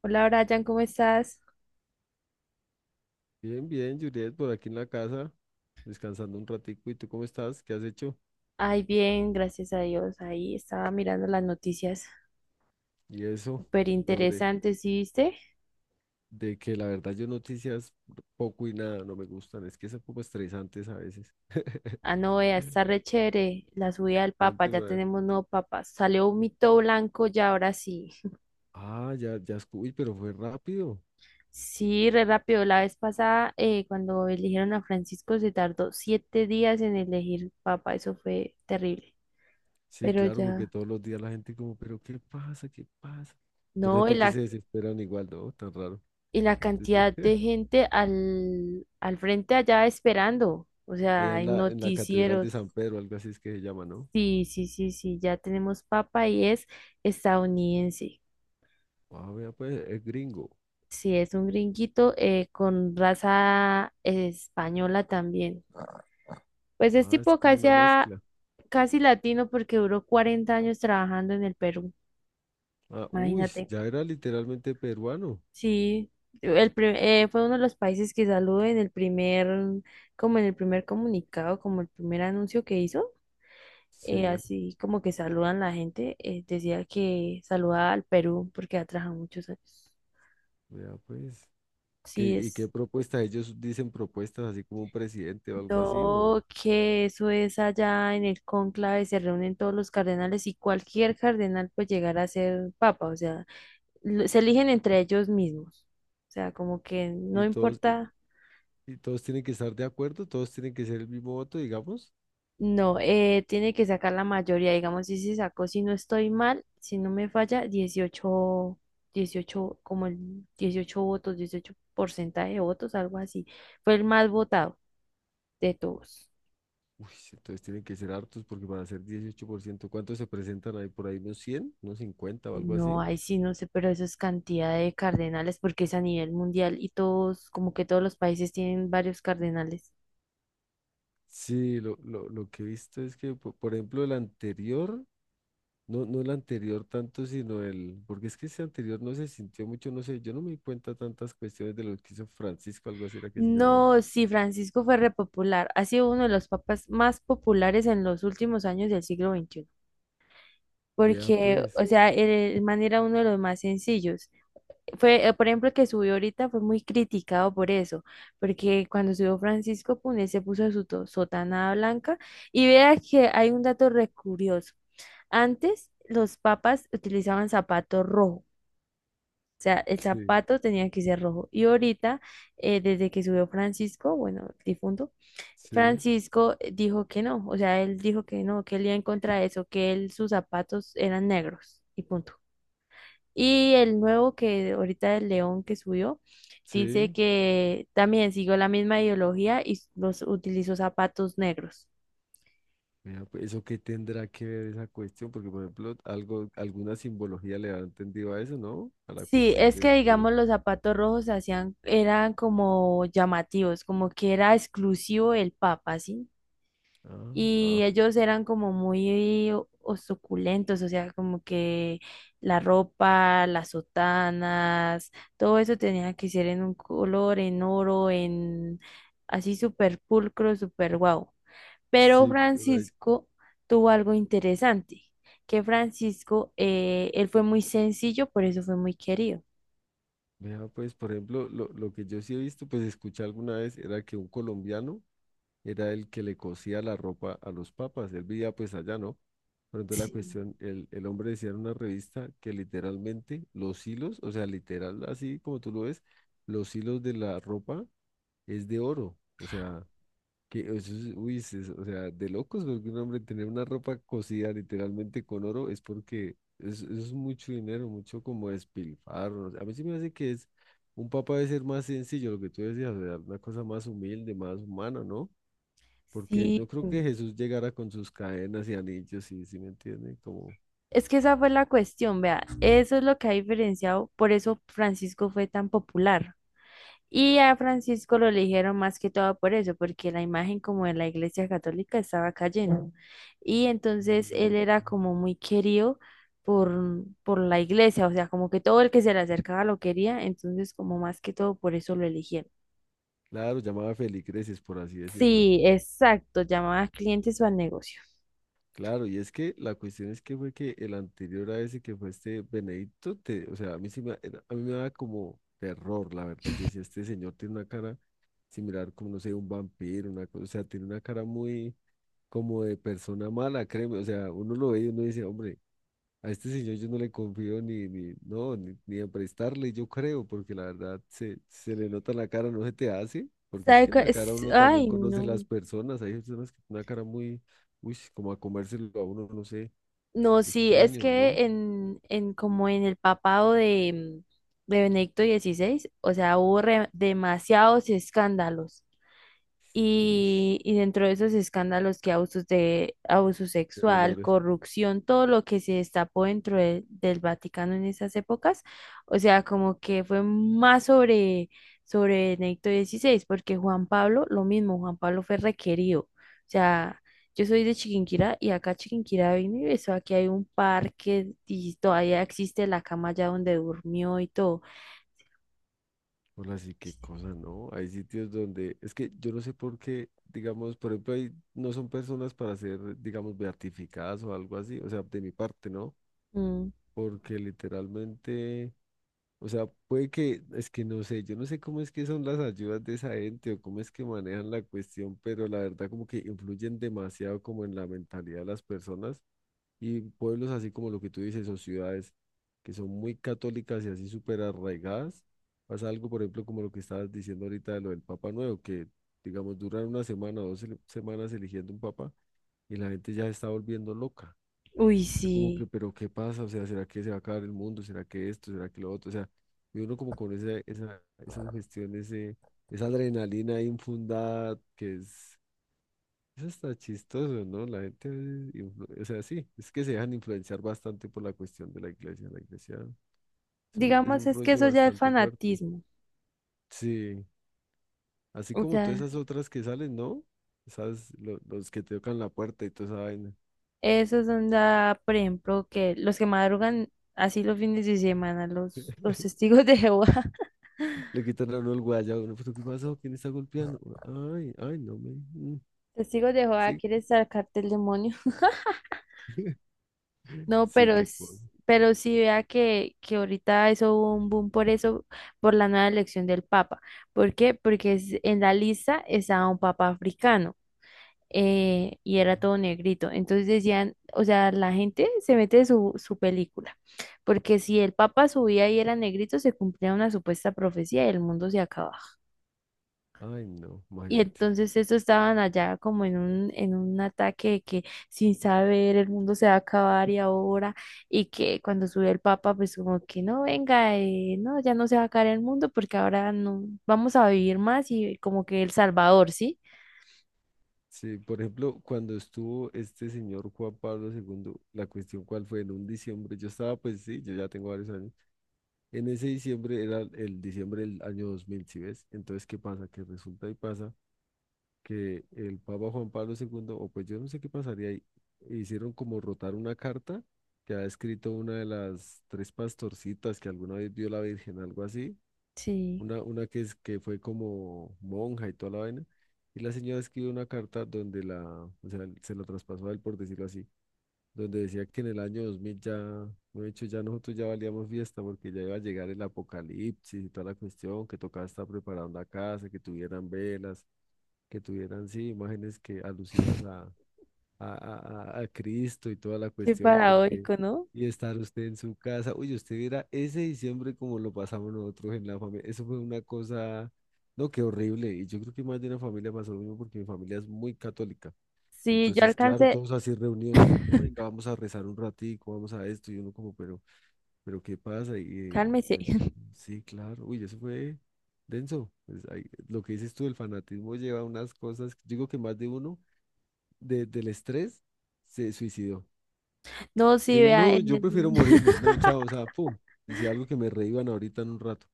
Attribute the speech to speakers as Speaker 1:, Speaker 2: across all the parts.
Speaker 1: Hola Brian, ¿cómo estás?
Speaker 2: Bien, bien, Juliet, por aquí en la casa, descansando un ratico. ¿Y tú cómo estás? ¿Qué has hecho?
Speaker 1: Ay, bien, gracias a Dios. Ahí estaba mirando las noticias
Speaker 2: Y eso,
Speaker 1: súper
Speaker 2: sobre
Speaker 1: interesantes, ¿sí viste?
Speaker 2: de que la verdad yo noticias poco y nada, no me gustan. Es que son como estresantes a veces.
Speaker 1: Ah, no, vea, está re chévere la subida del Papa,
Speaker 2: Cuénteme,
Speaker 1: ya
Speaker 2: a ver.
Speaker 1: tenemos nuevo Papa. Salió un mito blanco ya, ahora sí.
Speaker 2: Ah, ya, ya, uy, pero fue rápido.
Speaker 1: Sí, re rápido. La vez pasada, cuando eligieron a Francisco, se tardó 7 días en elegir Papa, eso fue terrible.
Speaker 2: Sí,
Speaker 1: Pero
Speaker 2: claro, porque
Speaker 1: ya,
Speaker 2: todos los días la gente como, pero ¿qué pasa? ¿Qué pasa? Yo no sé
Speaker 1: no,
Speaker 2: por qué se desesperan igual, ¿no? Tan raro.
Speaker 1: y la
Speaker 2: Antes de-
Speaker 1: cantidad de gente al frente allá esperando. O sea,
Speaker 2: Allá en
Speaker 1: hay
Speaker 2: la, en la Catedral de
Speaker 1: noticieros.
Speaker 2: San Pedro, algo así es que se llama, ¿no?
Speaker 1: Sí, sí, sí, sí, ya tenemos papa y es estadounidense.
Speaker 2: Ah, vea, pues, es gringo.
Speaker 1: Sí, es un gringuito con raza española también. Pues es
Speaker 2: Ah, es
Speaker 1: tipo
Speaker 2: como
Speaker 1: casi,
Speaker 2: una mezcla.
Speaker 1: casi latino porque duró 40 años trabajando en el Perú,
Speaker 2: Ah, uy,
Speaker 1: imagínate.
Speaker 2: ya era literalmente peruano.
Speaker 1: Sí, fue uno de los países que saludó en el primer, como en el primer comunicado, como el primer anuncio que hizo. eh,
Speaker 2: Sí,
Speaker 1: así como que saludan la gente, decía que saludaba al Perú porque ha trabajado muchos años.
Speaker 2: vea pues. ¿Qué,
Speaker 1: Sí
Speaker 2: y qué
Speaker 1: es.
Speaker 2: propuesta? Ellos dicen propuestas así como un presidente o algo así, o,
Speaker 1: No, que eso es allá en el cónclave, se reúnen todos los cardenales y cualquier cardenal puede llegar a ser papa, o sea, se eligen entre ellos mismos. O sea, como que no
Speaker 2: y todos, y,
Speaker 1: importa,
Speaker 2: y todos tienen que estar de acuerdo, todos tienen que ser el mismo voto, digamos.
Speaker 1: no, tiene que sacar la mayoría, digamos, si se sacó, si no estoy mal, si no me falla, dieciocho como el 18 votos, 18 porcentaje de votos, algo así. Fue el más votado de todos.
Speaker 2: Uy, sí, entonces tienen que ser hartos porque van a ser 18%. ¿Cuántos se presentan ahí? Por ahí unos 100, unos 50 o algo
Speaker 1: No,
Speaker 2: así.
Speaker 1: ahí sí no sé, pero eso es cantidad de cardenales porque es a nivel mundial y todos, como que todos los países tienen varios cardenales.
Speaker 2: Sí, lo que he visto es que, por ejemplo, el anterior. No, no el anterior tanto, sino el, porque es que ese anterior no se sintió mucho, no sé, yo no me di cuenta tantas cuestiones de lo que hizo Francisco, algo así era que se llamaba.
Speaker 1: No, sí, Francisco fue repopular. Ha sido uno de los papas más populares en los últimos años del siglo XXI.
Speaker 2: Vea
Speaker 1: Porque,
Speaker 2: pues,
Speaker 1: o sea, el man era uno de los más sencillos. Fue, por ejemplo, el que subió ahorita fue muy criticado por eso. Porque cuando subió Francisco Pune se puso su sotana blanca. Y vea que hay un dato re curioso. Antes los papas utilizaban zapato rojo, o sea, el
Speaker 2: sí,
Speaker 1: zapato tenía que ser rojo. Y ahorita, desde que subió Francisco, bueno, el difunto,
Speaker 2: sí,
Speaker 1: Francisco dijo que no, o sea, él dijo que no, que él iba en contra de eso, que él, sus zapatos eran negros y punto. Y el nuevo que ahorita el león que subió, dice
Speaker 2: sí,
Speaker 1: que también siguió la misma ideología y los utilizó zapatos negros.
Speaker 2: vea pues, eso qué tendrá que ver esa cuestión, porque por ejemplo, algo, alguna simbología le ha entendido a eso, ¿no? A la
Speaker 1: Sí,
Speaker 2: cuestión
Speaker 1: es
Speaker 2: de,
Speaker 1: que
Speaker 2: de los...
Speaker 1: digamos los zapatos rojos se hacían, eran como llamativos, como que era exclusivo del Papa, ¿sí?
Speaker 2: Ah,
Speaker 1: Y
Speaker 2: ah,
Speaker 1: ellos eran como muy o suculentos, o sea, como que la ropa, las sotanas, todo eso tenía que ser en un color, en oro, en así súper pulcro, súper guau. Pero
Speaker 2: sí, por ahí.
Speaker 1: Francisco tuvo algo interesante, que Francisco, él fue muy sencillo, por eso fue muy querido.
Speaker 2: Vea pues, por ejemplo, lo que yo sí he visto, pues escuché alguna vez, era que un colombiano era el que le cosía la ropa a los papas. Él vivía pues allá, ¿no? Pero entonces la
Speaker 1: Sí,
Speaker 2: cuestión, el hombre decía en una revista que literalmente los hilos, o sea, literal, así como tú lo ves, los hilos de la ropa es de oro. O sea, que eso es, uy, es- o sea, de locos, porque un hombre tener una ropa cosida literalmente con oro es porque es- eso es mucho dinero, mucho como despilfarro. A mí sí me hace que es, un papa debe ser más sencillo, lo que tú decías, o sea, una cosa más humilde, más humana, ¿no? Porque
Speaker 1: sí,
Speaker 2: yo creo que Jesús llegara con sus cadenas y anillos, ¿y si me entiende? Como,
Speaker 1: es que esa fue la cuestión, vea, eso es lo que ha diferenciado, por eso Francisco fue tan popular. Y a Francisco lo eligieron más que todo por eso, porque la imagen como de la Iglesia Católica estaba cayendo. Y entonces él
Speaker 2: mm,
Speaker 1: era como muy querido por, por la Iglesia, o sea, como que todo el que se le acercaba lo quería, entonces como más que todo por eso lo eligieron.
Speaker 2: claro, llamaba feligreses, por así decirlo.
Speaker 1: Sí, exacto, llamaba clientes o al negocio.
Speaker 2: Claro, y es que la cuestión es que fue que el anterior a ese que fue este Benedicto, te- o sea, a mí sí me, era- a mí me daba como terror, la verdad. Yo decía, este señor tiene una cara similar como, no sé, un vampiro, una cosa, o sea, tiene una cara muy como de persona mala, créeme. O sea, uno lo ve y uno dice, hombre, a este señor yo no le confío ni, ni, no, ni a prestarle, yo creo, porque la verdad se le nota en la cara, no se te hace, porque es que en la cara uno también
Speaker 1: Ay,
Speaker 2: conoce
Speaker 1: no.
Speaker 2: las personas, hay personas que tienen una cara muy, uy, como a comérselo a uno, no sé,
Speaker 1: No, sí, es
Speaker 2: extraño, ¿no?
Speaker 1: que en como en el papado de, de Benedicto XVI, o sea, hubo demasiados escándalos.
Speaker 2: Y
Speaker 1: Y dentro de esos escándalos que abusos de abuso
Speaker 2: de
Speaker 1: sexual,
Speaker 2: menores.
Speaker 1: corrupción, todo lo que se destapó dentro del Vaticano en esas épocas, o sea, como que fue más sobre, sobre Benedicto XVI porque Juan Pablo, lo mismo, Juan Pablo fue requerido. O sea, yo soy de Chiquinquirá y acá Chiquinquirá vino y besó, aquí hay un parque y todavía existe la cama allá donde durmió y todo.
Speaker 2: Hola, sí, qué cosa, ¿no? Hay sitios donde, es que yo no sé por qué, digamos, por ejemplo, ahí no son personas para ser, digamos, beatificadas o algo así, o sea, de mi parte, ¿no?
Speaker 1: Mm,
Speaker 2: Porque literalmente... O sea, puede que, es que no sé, yo no sé cómo es que son las ayudas de esa gente o cómo es que manejan la cuestión, pero la verdad como que influyen demasiado como en la mentalidad de las personas y pueblos así como lo que tú dices o ciudades que son muy católicas y así súper arraigadas. Pasa algo, por ejemplo, como lo que estabas diciendo ahorita de lo del Papa Nuevo, que digamos duran una semana o dos semanas eligiendo un papa y la gente ya se está volviendo loca.
Speaker 1: uy,
Speaker 2: Yo como que,
Speaker 1: sí.
Speaker 2: pero ¿qué pasa? O sea, ¿será que se va a acabar el mundo? ¿Será que esto? ¿Será que lo otro? O sea, y uno como con esa sugestión, ese, esa adrenalina ahí infundada, que es, eso está chistoso, ¿no? La gente, a veces o sea, sí, es que se dejan influenciar bastante por la cuestión de la iglesia. La iglesia es un, es
Speaker 1: Digamos,
Speaker 2: un
Speaker 1: es que
Speaker 2: rollo
Speaker 1: eso ya es
Speaker 2: bastante fuerte.
Speaker 1: fanatismo.
Speaker 2: Sí, así
Speaker 1: O
Speaker 2: como todas
Speaker 1: sea,
Speaker 2: esas otras que salen, ¿no? Esas, los que te tocan la puerta y toda esa vaina.
Speaker 1: esos son, da por ejemplo, que los que madrugan así los fines de semana, los testigos de Jehová.
Speaker 2: Le quitan a uno el guaya, uno, ¿pero qué pasó? ¿Quién está golpeando? Ay, ay, no me. Mm,
Speaker 1: Testigos de Jehová
Speaker 2: sí,
Speaker 1: quiere sacarte el demonio. No,
Speaker 2: sí,
Speaker 1: pero,
Speaker 2: qué cosa.
Speaker 1: pero sí vea que ahorita eso hubo un boom por eso, por la nueva elección del Papa. ¿Por qué? Porque en la lista estaba un Papa africano. Y era todo negrito. Entonces decían, o sea, la gente se mete su, su película, porque si el Papa subía y era negrito, se cumplía una supuesta profecía y el mundo se acababa.
Speaker 2: Ay, no,
Speaker 1: Y
Speaker 2: imagínate.
Speaker 1: entonces estos estaban allá como en un ataque de que sin saber el mundo se va a acabar y ahora, y que cuando subió el Papa, pues como que no, venga, no, ya no se va a acabar el mundo porque ahora no, vamos a vivir más y como que el Salvador, ¿sí?
Speaker 2: Sí, por ejemplo, cuando estuvo este señor Juan Pablo segundo, la cuestión cuál fue en un diciembre, yo estaba, pues sí, yo ya tengo varios años. En ese diciembre era el diciembre del año 2000, ¿sí ves? Entonces, ¿qué pasa? Que resulta y pasa que el Papa Juan Pablo segundo o pues yo no sé qué pasaría ahí, hicieron como rotar una carta que ha escrito una de las tres pastorcitas que alguna vez vio la Virgen, algo así,
Speaker 1: Sí,
Speaker 2: una que, es, que fue como monja y toda la vaina, y la señora escribió una carta donde la, o sea, se lo traspasó a él, por decirlo así, donde decía que en el año 2000 ya, de hecho, ya nosotros ya valíamos fiesta porque ya iba a llegar el apocalipsis y toda la cuestión, que tocaba estar preparando la casa, que tuvieran velas, que tuvieran, sí, imágenes que alusivas a, Cristo y toda la
Speaker 1: qué
Speaker 2: cuestión, porque
Speaker 1: paradójico, ¿no?
Speaker 2: y estar usted en su casa, uy, usted viera ese diciembre como lo pasamos nosotros en la familia, eso fue una cosa, no, qué horrible, y yo creo que más de una familia pasó lo mismo porque mi familia es muy católica,
Speaker 1: Sí, yo
Speaker 2: entonces, claro,
Speaker 1: alcancé,
Speaker 2: todos así reunidos y, no, venga, vamos a rezar un ratico, vamos a esto, y uno como, pero... Pero ¿qué pasa? Y eh,
Speaker 1: cálmese.
Speaker 2: pues sí, claro. Uy, eso fue denso. Pues, ahí, lo que dices tú, el fanatismo lleva a unas cosas. Digo que más de uno del estrés se suicidó.
Speaker 1: No,
Speaker 2: Que
Speaker 1: sí,
Speaker 2: digo,
Speaker 1: vea,
Speaker 2: no, yo prefiero morirme. No, chao, o sea, pum. Y si algo que me reíban ahorita en un rato.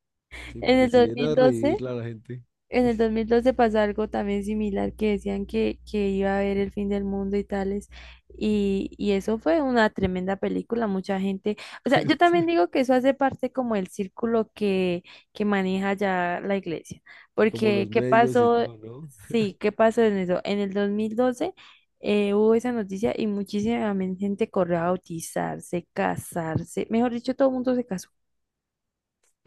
Speaker 2: Sí,
Speaker 1: en
Speaker 2: porque
Speaker 1: el
Speaker 2: si
Speaker 1: dos
Speaker 2: viene
Speaker 1: mil
Speaker 2: a
Speaker 1: doce.
Speaker 2: reírla a la gente,
Speaker 1: En
Speaker 2: uy,
Speaker 1: el 2012 pasó algo también similar que decían que iba a haber el fin del mundo y tales. Y eso fue una tremenda película, mucha gente. O sea, yo también
Speaker 2: este,
Speaker 1: digo que eso hace parte como el círculo que maneja ya la iglesia.
Speaker 2: como
Speaker 1: Porque,
Speaker 2: los
Speaker 1: ¿qué
Speaker 2: medios y
Speaker 1: pasó?
Speaker 2: todo, ¿no?
Speaker 1: Sí, ¿qué pasó en eso? En el 2012 hubo esa noticia y muchísima gente corrió a bautizarse, casarse. Mejor dicho, todo el mundo se casó.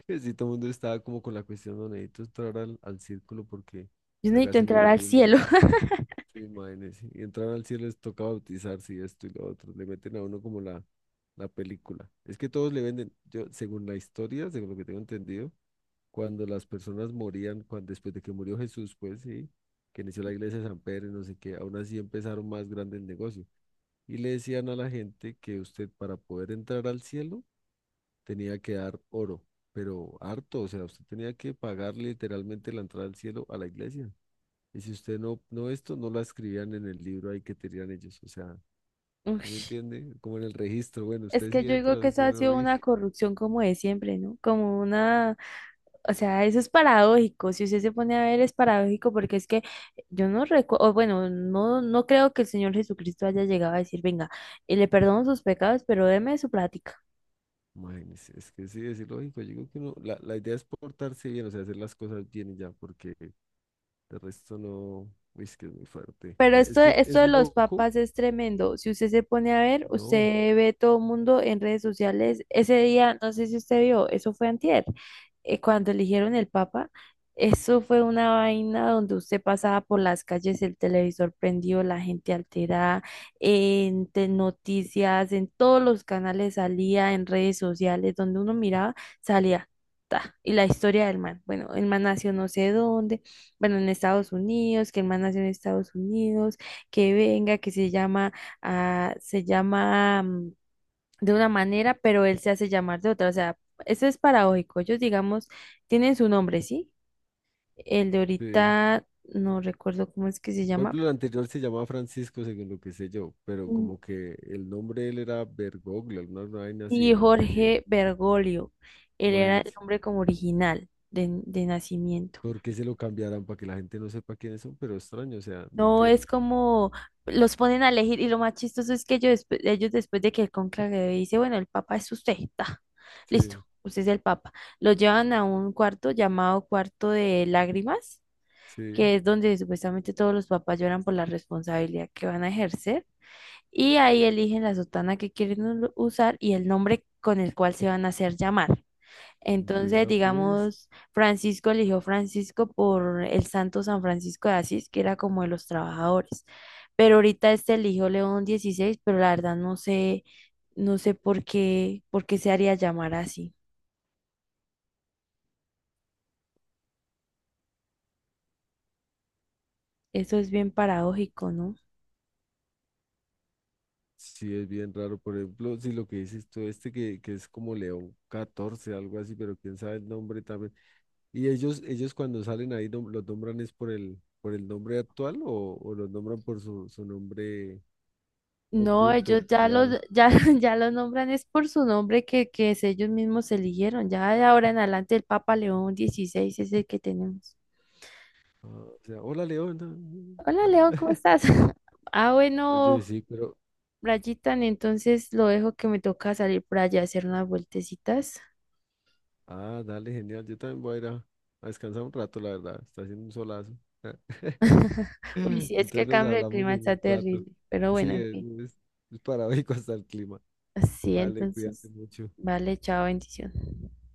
Speaker 2: Que si todo el mundo estaba como con la cuestión, no necesito entrar al círculo porque
Speaker 1: Yo
Speaker 2: ya
Speaker 1: necesito
Speaker 2: casi nos
Speaker 1: entrar al
Speaker 2: morimos.
Speaker 1: cielo.
Speaker 2: Sí, imagínese, sí, y entrar al cielo les toca bautizarse y esto y lo otro. Le meten a uno como la película. Es que todos le venden, yo, según la historia, según lo que tengo entendido, cuando las personas morían, cuando, después de que murió Jesús, pues sí, que inició la iglesia de San Pedro y no sé qué, aún así empezaron más grande el negocio. Y le decían a la gente que usted para poder entrar al cielo tenía que dar oro, pero harto, o sea, usted tenía que pagar literalmente la entrada al cielo a la iglesia. Y si usted no, no esto, no la escribían en el libro ahí que tenían ellos. O sea, ¿sí me
Speaker 1: Ush.
Speaker 2: entiende? Como en el registro. Bueno,
Speaker 1: Es
Speaker 2: usted
Speaker 1: que
Speaker 2: sí
Speaker 1: yo digo
Speaker 2: entra,
Speaker 1: que eso
Speaker 2: usted
Speaker 1: ha
Speaker 2: no.
Speaker 1: sido
Speaker 2: Y,
Speaker 1: una corrupción como de siempre, ¿no? Como una, o sea, eso es paradójico. Si usted se pone a ver, es paradójico porque es que yo no recuerdo, bueno, no, no creo que el Señor Jesucristo haya llegado a decir, venga, le perdono sus pecados, pero deme su plática.
Speaker 2: imagínese, es que sí, es ilógico. Yo digo que no. La idea es portarse bien, o sea, hacer las cosas bien y ya, porque de resto no. Uy, es que es muy fuerte.
Speaker 1: Pero
Speaker 2: Es
Speaker 1: esto,
Speaker 2: que
Speaker 1: esto
Speaker 2: es
Speaker 1: de los
Speaker 2: loco.
Speaker 1: papas es tremendo. Si usted se pone a ver,
Speaker 2: No.
Speaker 1: usted ve todo el mundo en redes sociales. Ese día, no sé si usted vio, eso fue antier, cuando eligieron el papa, eso fue una vaina donde usted pasaba por las calles, el televisor prendido, la gente alterada, noticias, en todos los canales salía, en redes sociales, donde uno miraba, salía. Ta, y la historia del man. Bueno, el man nació no sé dónde bueno, en Estados Unidos, que el man nació en Estados Unidos, que venga, que se llama, ah, se llama de una manera, pero él se hace llamar de otra. O sea, eso es paradójico. Ellos, digamos, tienen su nombre, ¿sí? El de
Speaker 2: Sí.
Speaker 1: ahorita, no recuerdo cómo es que se
Speaker 2: Por
Speaker 1: llama.
Speaker 2: ejemplo, el anterior se llamaba Francisco, según lo que sé yo, pero
Speaker 1: Mm,
Speaker 2: como que el nombre de él era Bergoglio, alguna vaina así,
Speaker 1: sí,
Speaker 2: el anterior.
Speaker 1: Jorge Bergoglio. Él era el
Speaker 2: Imagínate.
Speaker 1: nombre como original de nacimiento.
Speaker 2: ¿Por qué se lo cambiarán? Para que la gente no sepa quiénes son, pero extraño, o sea, no
Speaker 1: No,
Speaker 2: entiendo.
Speaker 1: es como los ponen a elegir y lo más chistoso es que ellos, ellos después de que el cónclave dice, bueno, el papa es usted, ta, listo,
Speaker 2: Sí,
Speaker 1: usted es el papa. Lo llevan a un cuarto llamado cuarto de lágrimas,
Speaker 2: sí.
Speaker 1: que es donde supuestamente todos los papas lloran por la responsabilidad que van a ejercer y ahí eligen la sotana que quieren usar y el nombre con el cual se van a hacer llamar. Entonces,
Speaker 2: Vea pues,
Speaker 1: digamos, Francisco eligió Francisco por el santo San Francisco de Asís, que era como de los trabajadores. Pero ahorita este eligió León XVI pero la verdad no sé, no sé por qué se haría llamar así. Eso es bien paradójico, ¿no?
Speaker 2: sí es bien raro. Por ejemplo, si lo que dices tú, este que es como León XIV algo así, pero quién sabe el nombre también. Y ellos cuando salen ahí nom- los nombran es por el nombre actual o los nombran por su, su nombre
Speaker 1: No,
Speaker 2: oculto,
Speaker 1: ellos ya
Speaker 2: real.
Speaker 1: ya los nombran, es por su nombre que es ellos mismos eligieron. Ya de ahora en adelante el Papa León XVI es el que tenemos.
Speaker 2: Ah, o sea, hola León.
Speaker 1: Hola
Speaker 2: Ah, ah.
Speaker 1: León, ¿cómo estás? Ah,
Speaker 2: Oye,
Speaker 1: bueno,
Speaker 2: sí, pero,
Speaker 1: Brayitan, entonces lo dejo que me toca salir por allá a hacer unas vueltecitas.
Speaker 2: ah, dale, genial. Yo también voy a ir a descansar un rato, la verdad. Está haciendo un solazo.
Speaker 1: Uy, sí, es que
Speaker 2: Entonces
Speaker 1: el
Speaker 2: nos
Speaker 1: cambio de
Speaker 2: hablamos
Speaker 1: clima
Speaker 2: en
Speaker 1: está
Speaker 2: un rato.
Speaker 1: terrible, pero bueno,
Speaker 2: Sí,
Speaker 1: en fin.
Speaker 2: es, es paradójico hasta el clima.
Speaker 1: Así,
Speaker 2: Vale, cuídate
Speaker 1: entonces,
Speaker 2: mucho.
Speaker 1: vale, chao, bendición.